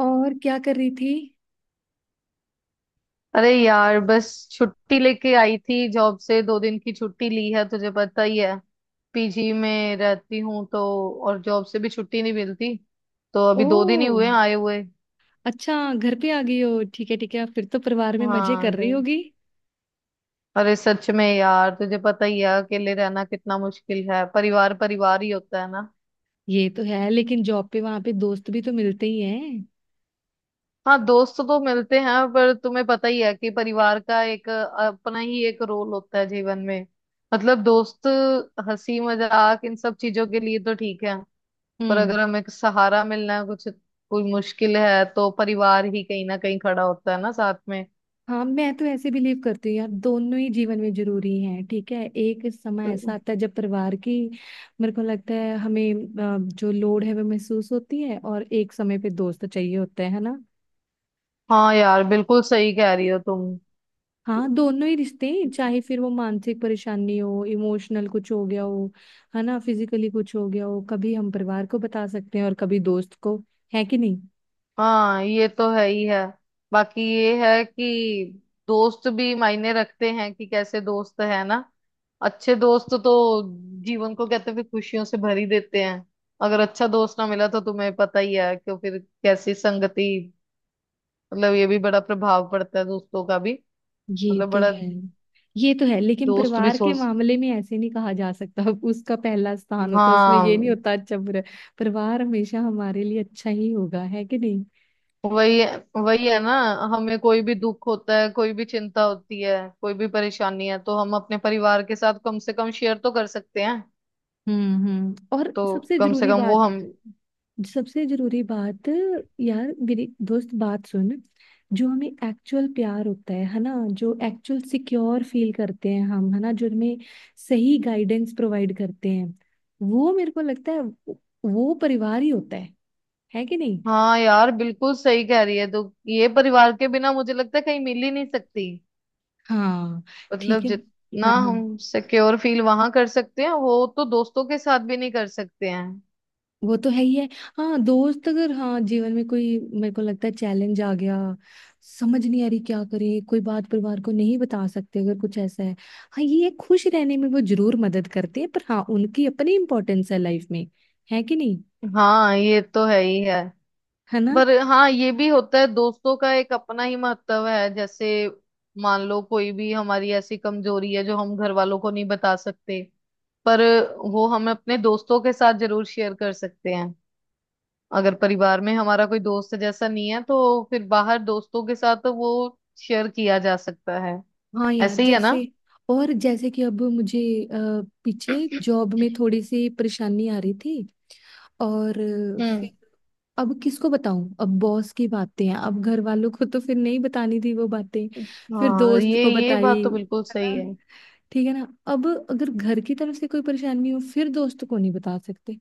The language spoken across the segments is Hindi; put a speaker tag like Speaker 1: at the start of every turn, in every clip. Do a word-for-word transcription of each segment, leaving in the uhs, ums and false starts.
Speaker 1: और क्या कर रही थी?
Speaker 2: अरे यार बस छुट्टी लेके आई थी जॉब से दो दिन की छुट्टी ली है तुझे पता ही है। पीजी में रहती हूँ तो और जॉब से भी छुट्टी नहीं मिलती। तो
Speaker 1: ओ,
Speaker 2: अभी दो दिन ही हुए हैं आए हुए।
Speaker 1: अच्छा घर पे आ गई हो। ठीक है ठीक है, फिर तो परिवार में मजे
Speaker 2: हाँ,
Speaker 1: कर रही
Speaker 2: गई।
Speaker 1: होगी।
Speaker 2: अरे सच में यार तुझे पता ही है अकेले रहना कितना मुश्किल है। परिवार परिवार ही होता है ना।
Speaker 1: ये तो है, लेकिन जॉब पे वहां पे दोस्त भी तो मिलते ही हैं।
Speaker 2: हाँ, दोस्त तो मिलते हैं पर तुम्हें पता ही है कि परिवार का एक अपना ही एक रोल होता है जीवन में। मतलब दोस्त हंसी मजाक इन सब चीजों के लिए तो ठीक है। पर
Speaker 1: हम्म।
Speaker 2: अगर हमें एक सहारा मिलना है, कुछ कोई मुश्किल है तो परिवार ही कहीं ना कहीं खड़ा होता है ना साथ में।
Speaker 1: हाँ मैं तो ऐसे बिलीव करती हूँ यार, दोनों ही जीवन में जरूरी हैं। ठीक है, एक समय ऐसा आता है जब परिवार की मेरे को लगता है हमें अ, जो लोड है वो महसूस होती है, और एक समय पे दोस्त चाहिए होते हैं, है ना।
Speaker 2: हाँ यार, बिल्कुल सही कह रही हो तुम।
Speaker 1: हाँ दोनों ही रिश्ते हैं, चाहे फिर वो मानसिक परेशानी हो, इमोशनल कुछ हो गया हो, है ना, फिजिकली कुछ हो गया हो। कभी हम परिवार को बता सकते हैं और कभी दोस्त को, है कि नहीं।
Speaker 2: हाँ, ये तो है ही है। बाकी ये है कि दोस्त भी मायने रखते हैं कि कैसे दोस्त है ना। अच्छे दोस्त तो जीवन को कहते हैं कि खुशियों से भर ही देते हैं। अगर अच्छा दोस्त ना मिला तो तुम्हें पता ही है कि फिर कैसी संगति। मतलब ये भी बड़ा प्रभाव पड़ता है दोस्तों का भी।
Speaker 1: ये
Speaker 2: मतलब
Speaker 1: तो
Speaker 2: बड़ा
Speaker 1: है। ये तो है, लेकिन
Speaker 2: दोस्त भी
Speaker 1: परिवार के
Speaker 2: सोच।
Speaker 1: मामले में ऐसे नहीं कहा जा सकता अब उसका पहला स्थान होता है, उसमें ये नहीं
Speaker 2: हाँ,
Speaker 1: होता अच्छा बुरा। परिवार हमेशा हमारे लिए अच्छा ही होगा, है कि नहीं।
Speaker 2: वही है, वही है ना। हमें कोई भी दुख होता है, कोई भी चिंता होती है, कोई भी परेशानी है तो हम अपने परिवार के साथ कम से कम शेयर तो कर सकते हैं।
Speaker 1: हम्म हम्म। और
Speaker 2: तो
Speaker 1: सबसे
Speaker 2: कम से
Speaker 1: जरूरी
Speaker 2: कम वो
Speaker 1: बात,
Speaker 2: हम।
Speaker 1: सबसे जरूरी बात यार मेरी दोस्त, बात सुन। जो हमें एक्चुअल प्यार होता है है ना, जो एक्चुअल सिक्योर फील करते हैं हम, है ना, जो हमें सही गाइडेंस प्रोवाइड करते हैं, वो मेरे को लगता है वो परिवार ही होता है है कि नहीं।
Speaker 2: हाँ यार, बिल्कुल सही कह रही है तो ये परिवार के बिना मुझे लगता है कहीं मिल ही नहीं सकती।
Speaker 1: हाँ। ठीक
Speaker 2: मतलब
Speaker 1: है।
Speaker 2: जितना
Speaker 1: हाँ हाँ,
Speaker 2: हम सिक्योर फील वहां कर सकते हैं वो तो दोस्तों के साथ भी नहीं कर सकते हैं।
Speaker 1: वो तो है ही है। हाँ दोस्त, अगर हाँ जीवन में कोई मेरे को लगता है चैलेंज आ गया, समझ नहीं आ रही क्या करें, कोई बात परिवार को नहीं बता सकते अगर कुछ ऐसा है। हाँ ये है, खुश रहने में वो जरूर मदद करते हैं, पर हाँ उनकी अपनी इंपॉर्टेंस है लाइफ में, है कि नहीं,
Speaker 2: हाँ, ये तो है ही है।
Speaker 1: है ना।
Speaker 2: पर हाँ, ये भी होता है दोस्तों का एक अपना ही महत्व है। जैसे मान लो कोई भी हमारी ऐसी कमजोरी है जो हम घर वालों को नहीं बता सकते, पर वो हम अपने दोस्तों के साथ जरूर शेयर कर सकते हैं। अगर परिवार में हमारा कोई दोस्त जैसा नहीं है तो फिर बाहर दोस्तों के साथ वो शेयर किया जा सकता है।
Speaker 1: हाँ यार,
Speaker 2: ऐसे ही है ना।
Speaker 1: जैसे और जैसे कि अब मुझे अ, पीछे जॉब में थोड़ी सी परेशानी आ रही थी, और अ,
Speaker 2: हम्म।
Speaker 1: फिर अब किसको बताऊं, अब बॉस की बातें हैं, अब घर वालों को तो फिर नहीं बतानी थी वो बातें। फिर
Speaker 2: हाँ,
Speaker 1: दोस्त
Speaker 2: ये
Speaker 1: को
Speaker 2: ये
Speaker 1: बताई,
Speaker 2: बात तो बिल्कुल
Speaker 1: है
Speaker 2: सही
Speaker 1: ना,
Speaker 2: है।
Speaker 1: ठीक है ना। अब अगर घर की तरफ से कोई परेशानी हो, फिर दोस्त को नहीं बता सकते,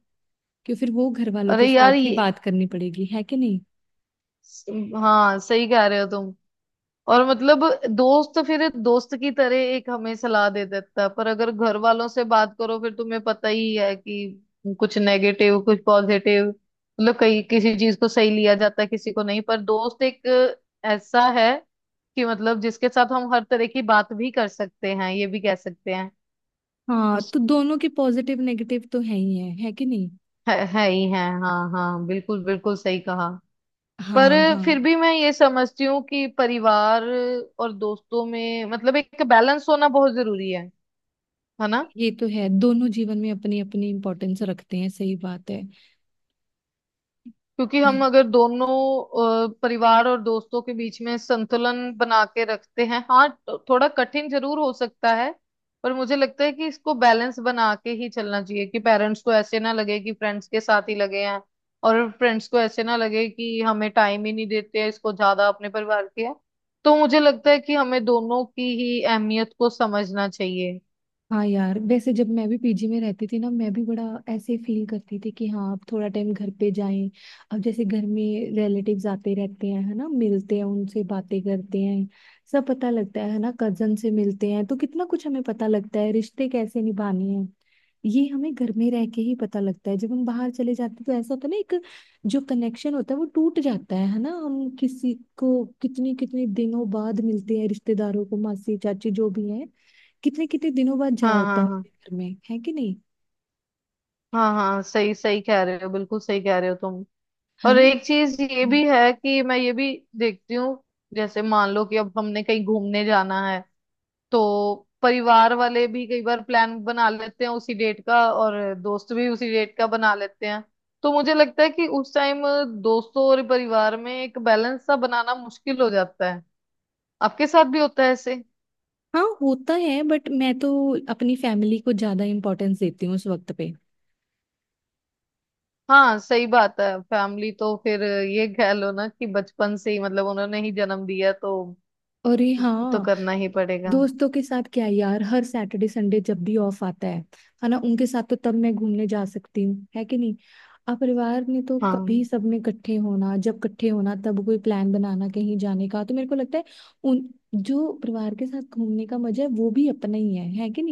Speaker 1: कि फिर वो घर वालों
Speaker 2: अरे
Speaker 1: के
Speaker 2: यार
Speaker 1: साथ ही
Speaker 2: ये,
Speaker 1: बात करनी पड़ेगी, है कि नहीं।
Speaker 2: हाँ, सही कह रहे हो तुम। और मतलब दोस्त फिर दोस्त की तरह एक हमें सलाह दे देता है, पर अगर घर वालों से बात करो फिर तुम्हें पता ही है कि कुछ नेगेटिव कुछ पॉजिटिव, मतलब कई किसी चीज को सही लिया जाता है किसी को नहीं, पर दोस्त एक ऐसा है कि मतलब जिसके साथ हम हर तरह की बात भी कर सकते हैं, ये भी कह सकते हैं।
Speaker 1: हाँ
Speaker 2: उस
Speaker 1: तो दोनों के पॉजिटिव नेगेटिव तो है ही है है कि नहीं।
Speaker 2: है, है ही है। हाँ हाँ, बिल्कुल बिल्कुल सही कहा। पर
Speaker 1: हाँ हाँ,
Speaker 2: फिर भी मैं ये समझती हूँ कि परिवार और दोस्तों में मतलब एक बैलेंस होना बहुत जरूरी है है ना।
Speaker 1: ये तो है, दोनों जीवन में अपनी अपनी इम्पोर्टेंस रखते हैं, सही बात है।
Speaker 2: क्योंकि
Speaker 1: है।
Speaker 2: हम अगर दोनों अ, परिवार और दोस्तों के बीच में संतुलन बना के रखते हैं हाँ तो थोड़ा कठिन जरूर हो सकता है। पर मुझे लगता है कि इसको बैलेंस बना के ही चलना चाहिए कि पेरेंट्स को ऐसे ना लगे कि फ्रेंड्स के साथ ही लगे हैं, और फ्रेंड्स को ऐसे ना लगे कि हमें टाइम ही नहीं देते हैं, इसको ज्यादा अपने परिवार के है। तो मुझे लगता है कि हमें दोनों की ही अहमियत को समझना चाहिए।
Speaker 1: हाँ यार वैसे जब मैं भी पीजी में रहती थी ना, मैं भी बड़ा ऐसे फील करती थी कि हाँ अब थोड़ा टाइम घर पे जाएं। अब जैसे घर में रिलेटिव्स आते रहते हैं, है ना, मिलते हैं उनसे, बातें करते हैं, सब पता लगता है है ना। कजन से मिलते हैं तो कितना कुछ हमें पता लगता है, रिश्ते कैसे निभाने हैं, ये हमें घर में रह के ही पता लगता है। जब हम बाहर चले जाते हैं तो ऐसा होता है ना, एक जो कनेक्शन होता है वो टूट जाता है है ना। हम किसी को कितनी कितनी दिनों बाद मिलते हैं, रिश्तेदारों को, मासी चाची जो भी हैं, कितने कितने दिनों बाद जा
Speaker 2: हाँ
Speaker 1: होता
Speaker 2: हाँ
Speaker 1: हूँ
Speaker 2: हाँ।
Speaker 1: घर में, है कि नहीं,
Speaker 2: हाँ हाँ, सही सही कह रहे हो, बिल्कुल सही कह रहे हो तुम।
Speaker 1: है
Speaker 2: और
Speaker 1: ना।
Speaker 2: एक चीज ये
Speaker 1: हम्म।
Speaker 2: भी है कि मैं ये भी देखती हूँ। जैसे मान लो कि अब हमने कहीं घूमने जाना है, तो परिवार वाले भी कई बार प्लान बना लेते हैं उसी डेट का और दोस्त भी उसी डेट का बना लेते हैं। तो मुझे लगता है कि उस टाइम दोस्तों और परिवार में एक बैलेंस सा बनाना मुश्किल हो जाता है। आपके साथ भी होता है ऐसे?
Speaker 1: हाँ होता है, बट मैं तो अपनी फैमिली को ज्यादा इम्पोर्टेंस देती हूँ उस वक्त पे।
Speaker 2: हाँ, सही बात है, फैमिली तो फिर ये कह लो ना कि बचपन से ही मतलब उन्होंने ही जन्म दिया तो
Speaker 1: अरे
Speaker 2: तो
Speaker 1: हाँ,
Speaker 2: करना ही पड़ेगा।
Speaker 1: दोस्तों के साथ क्या यार, हर सैटरडे संडे जब भी ऑफ आता है है ना, उनके साथ तो तब मैं घूमने जा सकती हूँ, है कि नहीं। अब परिवार में तो
Speaker 2: हाँ
Speaker 1: कभी सबने इकट्ठे होना, जब इकट्ठे होना तब कोई प्लान बनाना कहीं जाने का, तो मेरे को लगता है उन, जो परिवार के साथ घूमने का मजा है वो भी अपना ही है है कि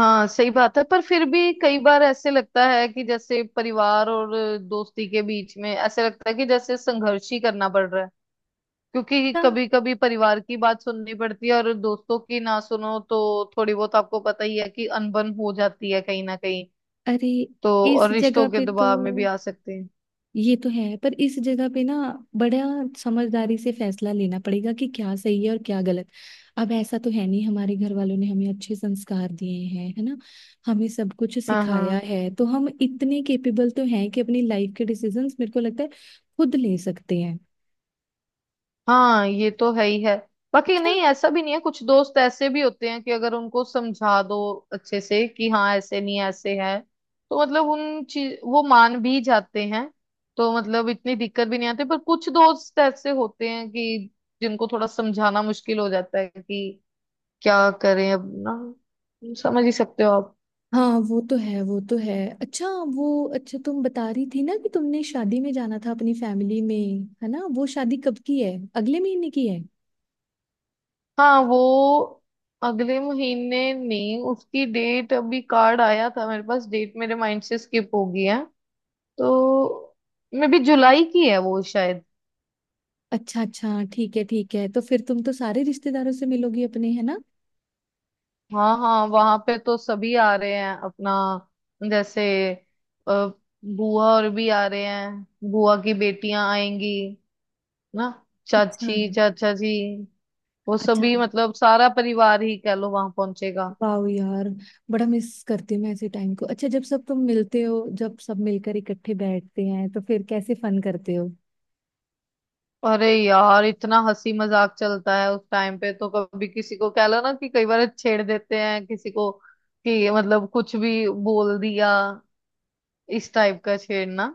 Speaker 2: हाँ, सही बात है, पर फिर भी कई बार ऐसे लगता है कि जैसे परिवार और दोस्ती के बीच में ऐसे लगता है कि जैसे संघर्ष ही करना पड़ रहा है। क्योंकि
Speaker 1: नहीं।
Speaker 2: कभी कभी परिवार की बात सुननी पड़ती है और दोस्तों की ना सुनो तो थोड़ी बहुत आपको पता ही है कि अनबन हो जाती है कहीं ना कहीं।
Speaker 1: अरे,
Speaker 2: तो और
Speaker 1: इस
Speaker 2: रिश्तों
Speaker 1: जगह
Speaker 2: के
Speaker 1: पे तो,
Speaker 2: दबाव में भी आ सकते हैं।
Speaker 1: ये तो है पर इस जगह पे ना बड़ा समझदारी से फैसला लेना पड़ेगा, कि क्या सही है और क्या गलत। अब ऐसा तो है नहीं, हमारे घर वालों ने हमें अच्छे संस्कार दिए हैं, है ना, हमें सब कुछ
Speaker 2: हाँ
Speaker 1: सिखाया
Speaker 2: हाँ
Speaker 1: है, तो हम इतने केपेबल तो हैं कि अपनी लाइफ के डिसीजंस मेरे को लगता है खुद ले सकते हैं।
Speaker 2: हाँ, ये तो है ही है। बाकी
Speaker 1: अच्छा।
Speaker 2: नहीं, ऐसा भी नहीं है, कुछ दोस्त ऐसे भी होते हैं कि अगर उनको समझा दो अच्छे से कि हाँ ऐसे नहीं ऐसे है, तो मतलब उन चीज वो मान भी जाते हैं। तो मतलब इतनी दिक्कत भी नहीं आती, पर कुछ दोस्त ऐसे होते हैं कि जिनको थोड़ा समझाना मुश्किल हो जाता है कि क्या करें, अब ना समझ ही सकते हो आप।
Speaker 1: हाँ वो तो है, वो तो है। अच्छा वो, अच्छा तुम बता रही थी ना कि तुमने शादी में जाना था अपनी फैमिली में, है ना। वो शादी कब की है, अगले महीने की है?
Speaker 2: हाँ, वो अगले महीने नहीं, उसकी डेट अभी कार्ड आया था मेरे पास, डेट मेरे माइंड से स्किप हो गई है। तो मे भी जुलाई की है वो शायद।
Speaker 1: अच्छा अच्छा, ठीक है ठीक है, तो फिर तुम तो सारे रिश्तेदारों से मिलोगी अपने, है ना।
Speaker 2: हाँ हाँ, वहां पे तो सभी आ रहे हैं अपना। जैसे अ, बुआ और भी आ रहे हैं। बुआ की बेटियां आएंगी ना। चाची
Speaker 1: अच्छा।
Speaker 2: चाचा जी, वो
Speaker 1: अच्छा
Speaker 2: सभी, मतलब सारा परिवार ही कह लो वहां पहुंचेगा।
Speaker 1: वाह यार, बड़ा मिस करती हूँ मैं ऐसे टाइम को। अच्छा जब सब तुम मिलते हो, जब सब मिलकर इकट्ठे बैठते हैं तो फिर कैसे फन करते हो?
Speaker 2: अरे यार, इतना हंसी मजाक चलता है उस टाइम पे, तो कभी किसी को कह लो ना कि कई बार छेड़ देते हैं किसी को कि मतलब कुछ भी बोल दिया, इस टाइप का छेड़ना।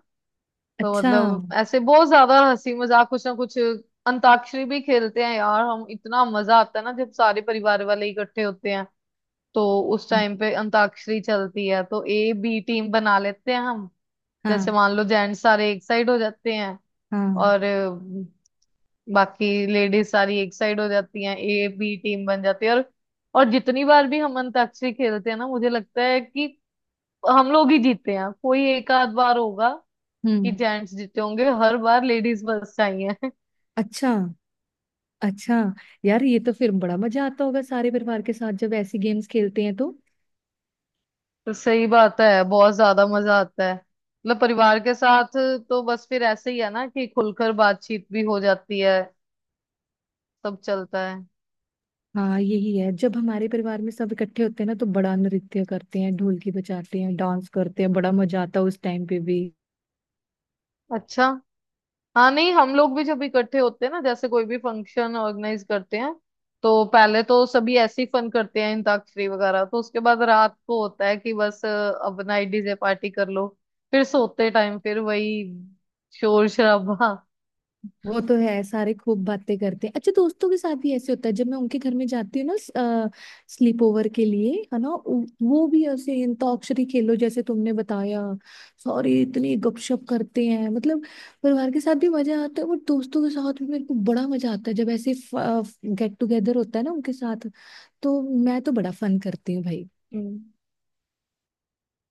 Speaker 2: तो
Speaker 1: अच्छा।
Speaker 2: मतलब ऐसे बहुत ज्यादा हंसी मजाक कुछ ना कुछ, अंताक्षरी भी खेलते हैं यार, हम इतना मजा आता है ना जब सारे परिवार वाले इकट्ठे होते हैं। तो उस टाइम पे अंताक्षरी चलती है तो ए बी टीम बना लेते हैं हम। जैसे
Speaker 1: हाँ
Speaker 2: मान लो जेंट्स सारे एक साइड हो जाते हैं
Speaker 1: हाँ।
Speaker 2: और अ, बाकी लेडीज सारी एक साइड हो जाती हैं, ए बी टीम बन जाती है। और और जितनी बार भी हम अंताक्षरी खेलते हैं ना, मुझे लगता है कि हम लोग ही जीते हैं, कोई एक आध बार होगा कि
Speaker 1: हम्म।
Speaker 2: जेंट्स जीते होंगे, हर बार लेडीज फर्स्ट आई हैं।
Speaker 1: अच्छा। अच्छा यार, ये तो फिर बड़ा मजा आता होगा सारे परिवार के साथ जब ऐसी गेम्स खेलते हैं तो।
Speaker 2: तो सही बात है, बहुत ज्यादा मजा आता है मतलब परिवार के साथ। तो बस फिर ऐसे ही है ना कि खुलकर बातचीत भी हो जाती है, सब चलता है।
Speaker 1: हाँ यही है, जब हमारे परिवार में सब इकट्ठे होते हैं ना तो बड़ा नृत्य करते हैं, ढोलकी बजाते हैं, डांस करते हैं, बड़ा मजा आता है उस टाइम पे भी।
Speaker 2: अच्छा हाँ, नहीं, हम लोग भी जब इकट्ठे होते हैं ना जैसे कोई भी फंक्शन ऑर्गेनाइज करते हैं, तो पहले तो सभी ऐसे ही फन करते हैं अंताक्षरी वगैरह, तो उसके बाद रात को होता है कि बस अ, अब नाइट डीजे पार्टी कर लो। फिर सोते टाइम फिर वही शोर शराबा।
Speaker 1: वो तो है, सारे खूब बातें करते हैं। अच्छा दोस्तों के साथ भी ऐसे होता है, जब मैं उनके घर में जाती हूँ ना स्लीप ओवर के लिए, है ना, उ- वो भी ऐसे अंताक्षरी खेलो जैसे तुमने बताया। सॉरी, इतनी गपशप करते हैं, मतलब परिवार के साथ भी मजा आता है और दोस्तों के साथ भी मेरे को बड़ा मजा आता है जब ऐसे गेट टुगेदर होता है ना उनके साथ, तो मैं तो बड़ा फन करती हूँ भाई।
Speaker 2: हम्म।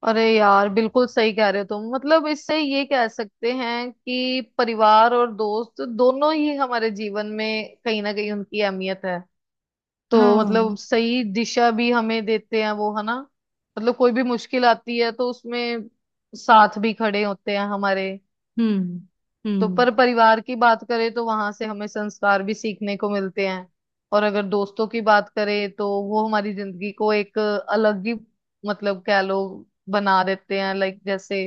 Speaker 2: अरे यार, बिल्कुल सही कह रहे हो तुम, मतलब इससे ये कह सकते हैं कि परिवार और दोस्त दोनों ही हमारे जीवन में कहीं ना कहीं उनकी अहमियत है। तो
Speaker 1: हाँ।
Speaker 2: मतलब सही दिशा भी हमें देते हैं वो, है ना। मतलब कोई भी मुश्किल आती है तो उसमें साथ भी खड़े होते हैं हमारे।
Speaker 1: हम्म
Speaker 2: तो
Speaker 1: हम्म।
Speaker 2: पर परिवार की बात करें तो वहां से हमें संस्कार भी सीखने को मिलते हैं। और अगर दोस्तों की बात करें तो वो हमारी जिंदगी को एक अलग ही मतलब कह लो बना देते हैं, लाइक जैसे,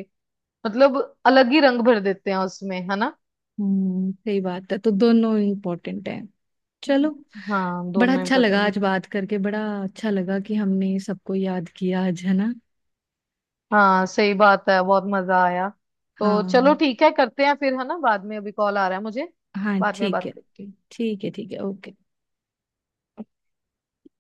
Speaker 2: मतलब अलग ही रंग भर देते हैं उसमें, है ना।
Speaker 1: हम्म सही बात है, तो दोनों इम्पोर्टेंट है। चलो,
Speaker 2: हम्म। हाँ,
Speaker 1: बड़ा
Speaker 2: दोनों
Speaker 1: अच्छा लगा
Speaker 2: इम्पोर्टेंट है।
Speaker 1: आज बात करके, बड़ा अच्छा लगा कि हमने सबको याद किया आज, है ना।
Speaker 2: हाँ सही बात है, बहुत मजा आया। तो चलो
Speaker 1: हाँ
Speaker 2: ठीक है, करते हैं फिर है ना बाद में, अभी कॉल आ रहा है मुझे,
Speaker 1: हाँ
Speaker 2: बाद में
Speaker 1: ठीक
Speaker 2: बात
Speaker 1: है,
Speaker 2: करते हैं।
Speaker 1: ठीक है ठीक है, ओके।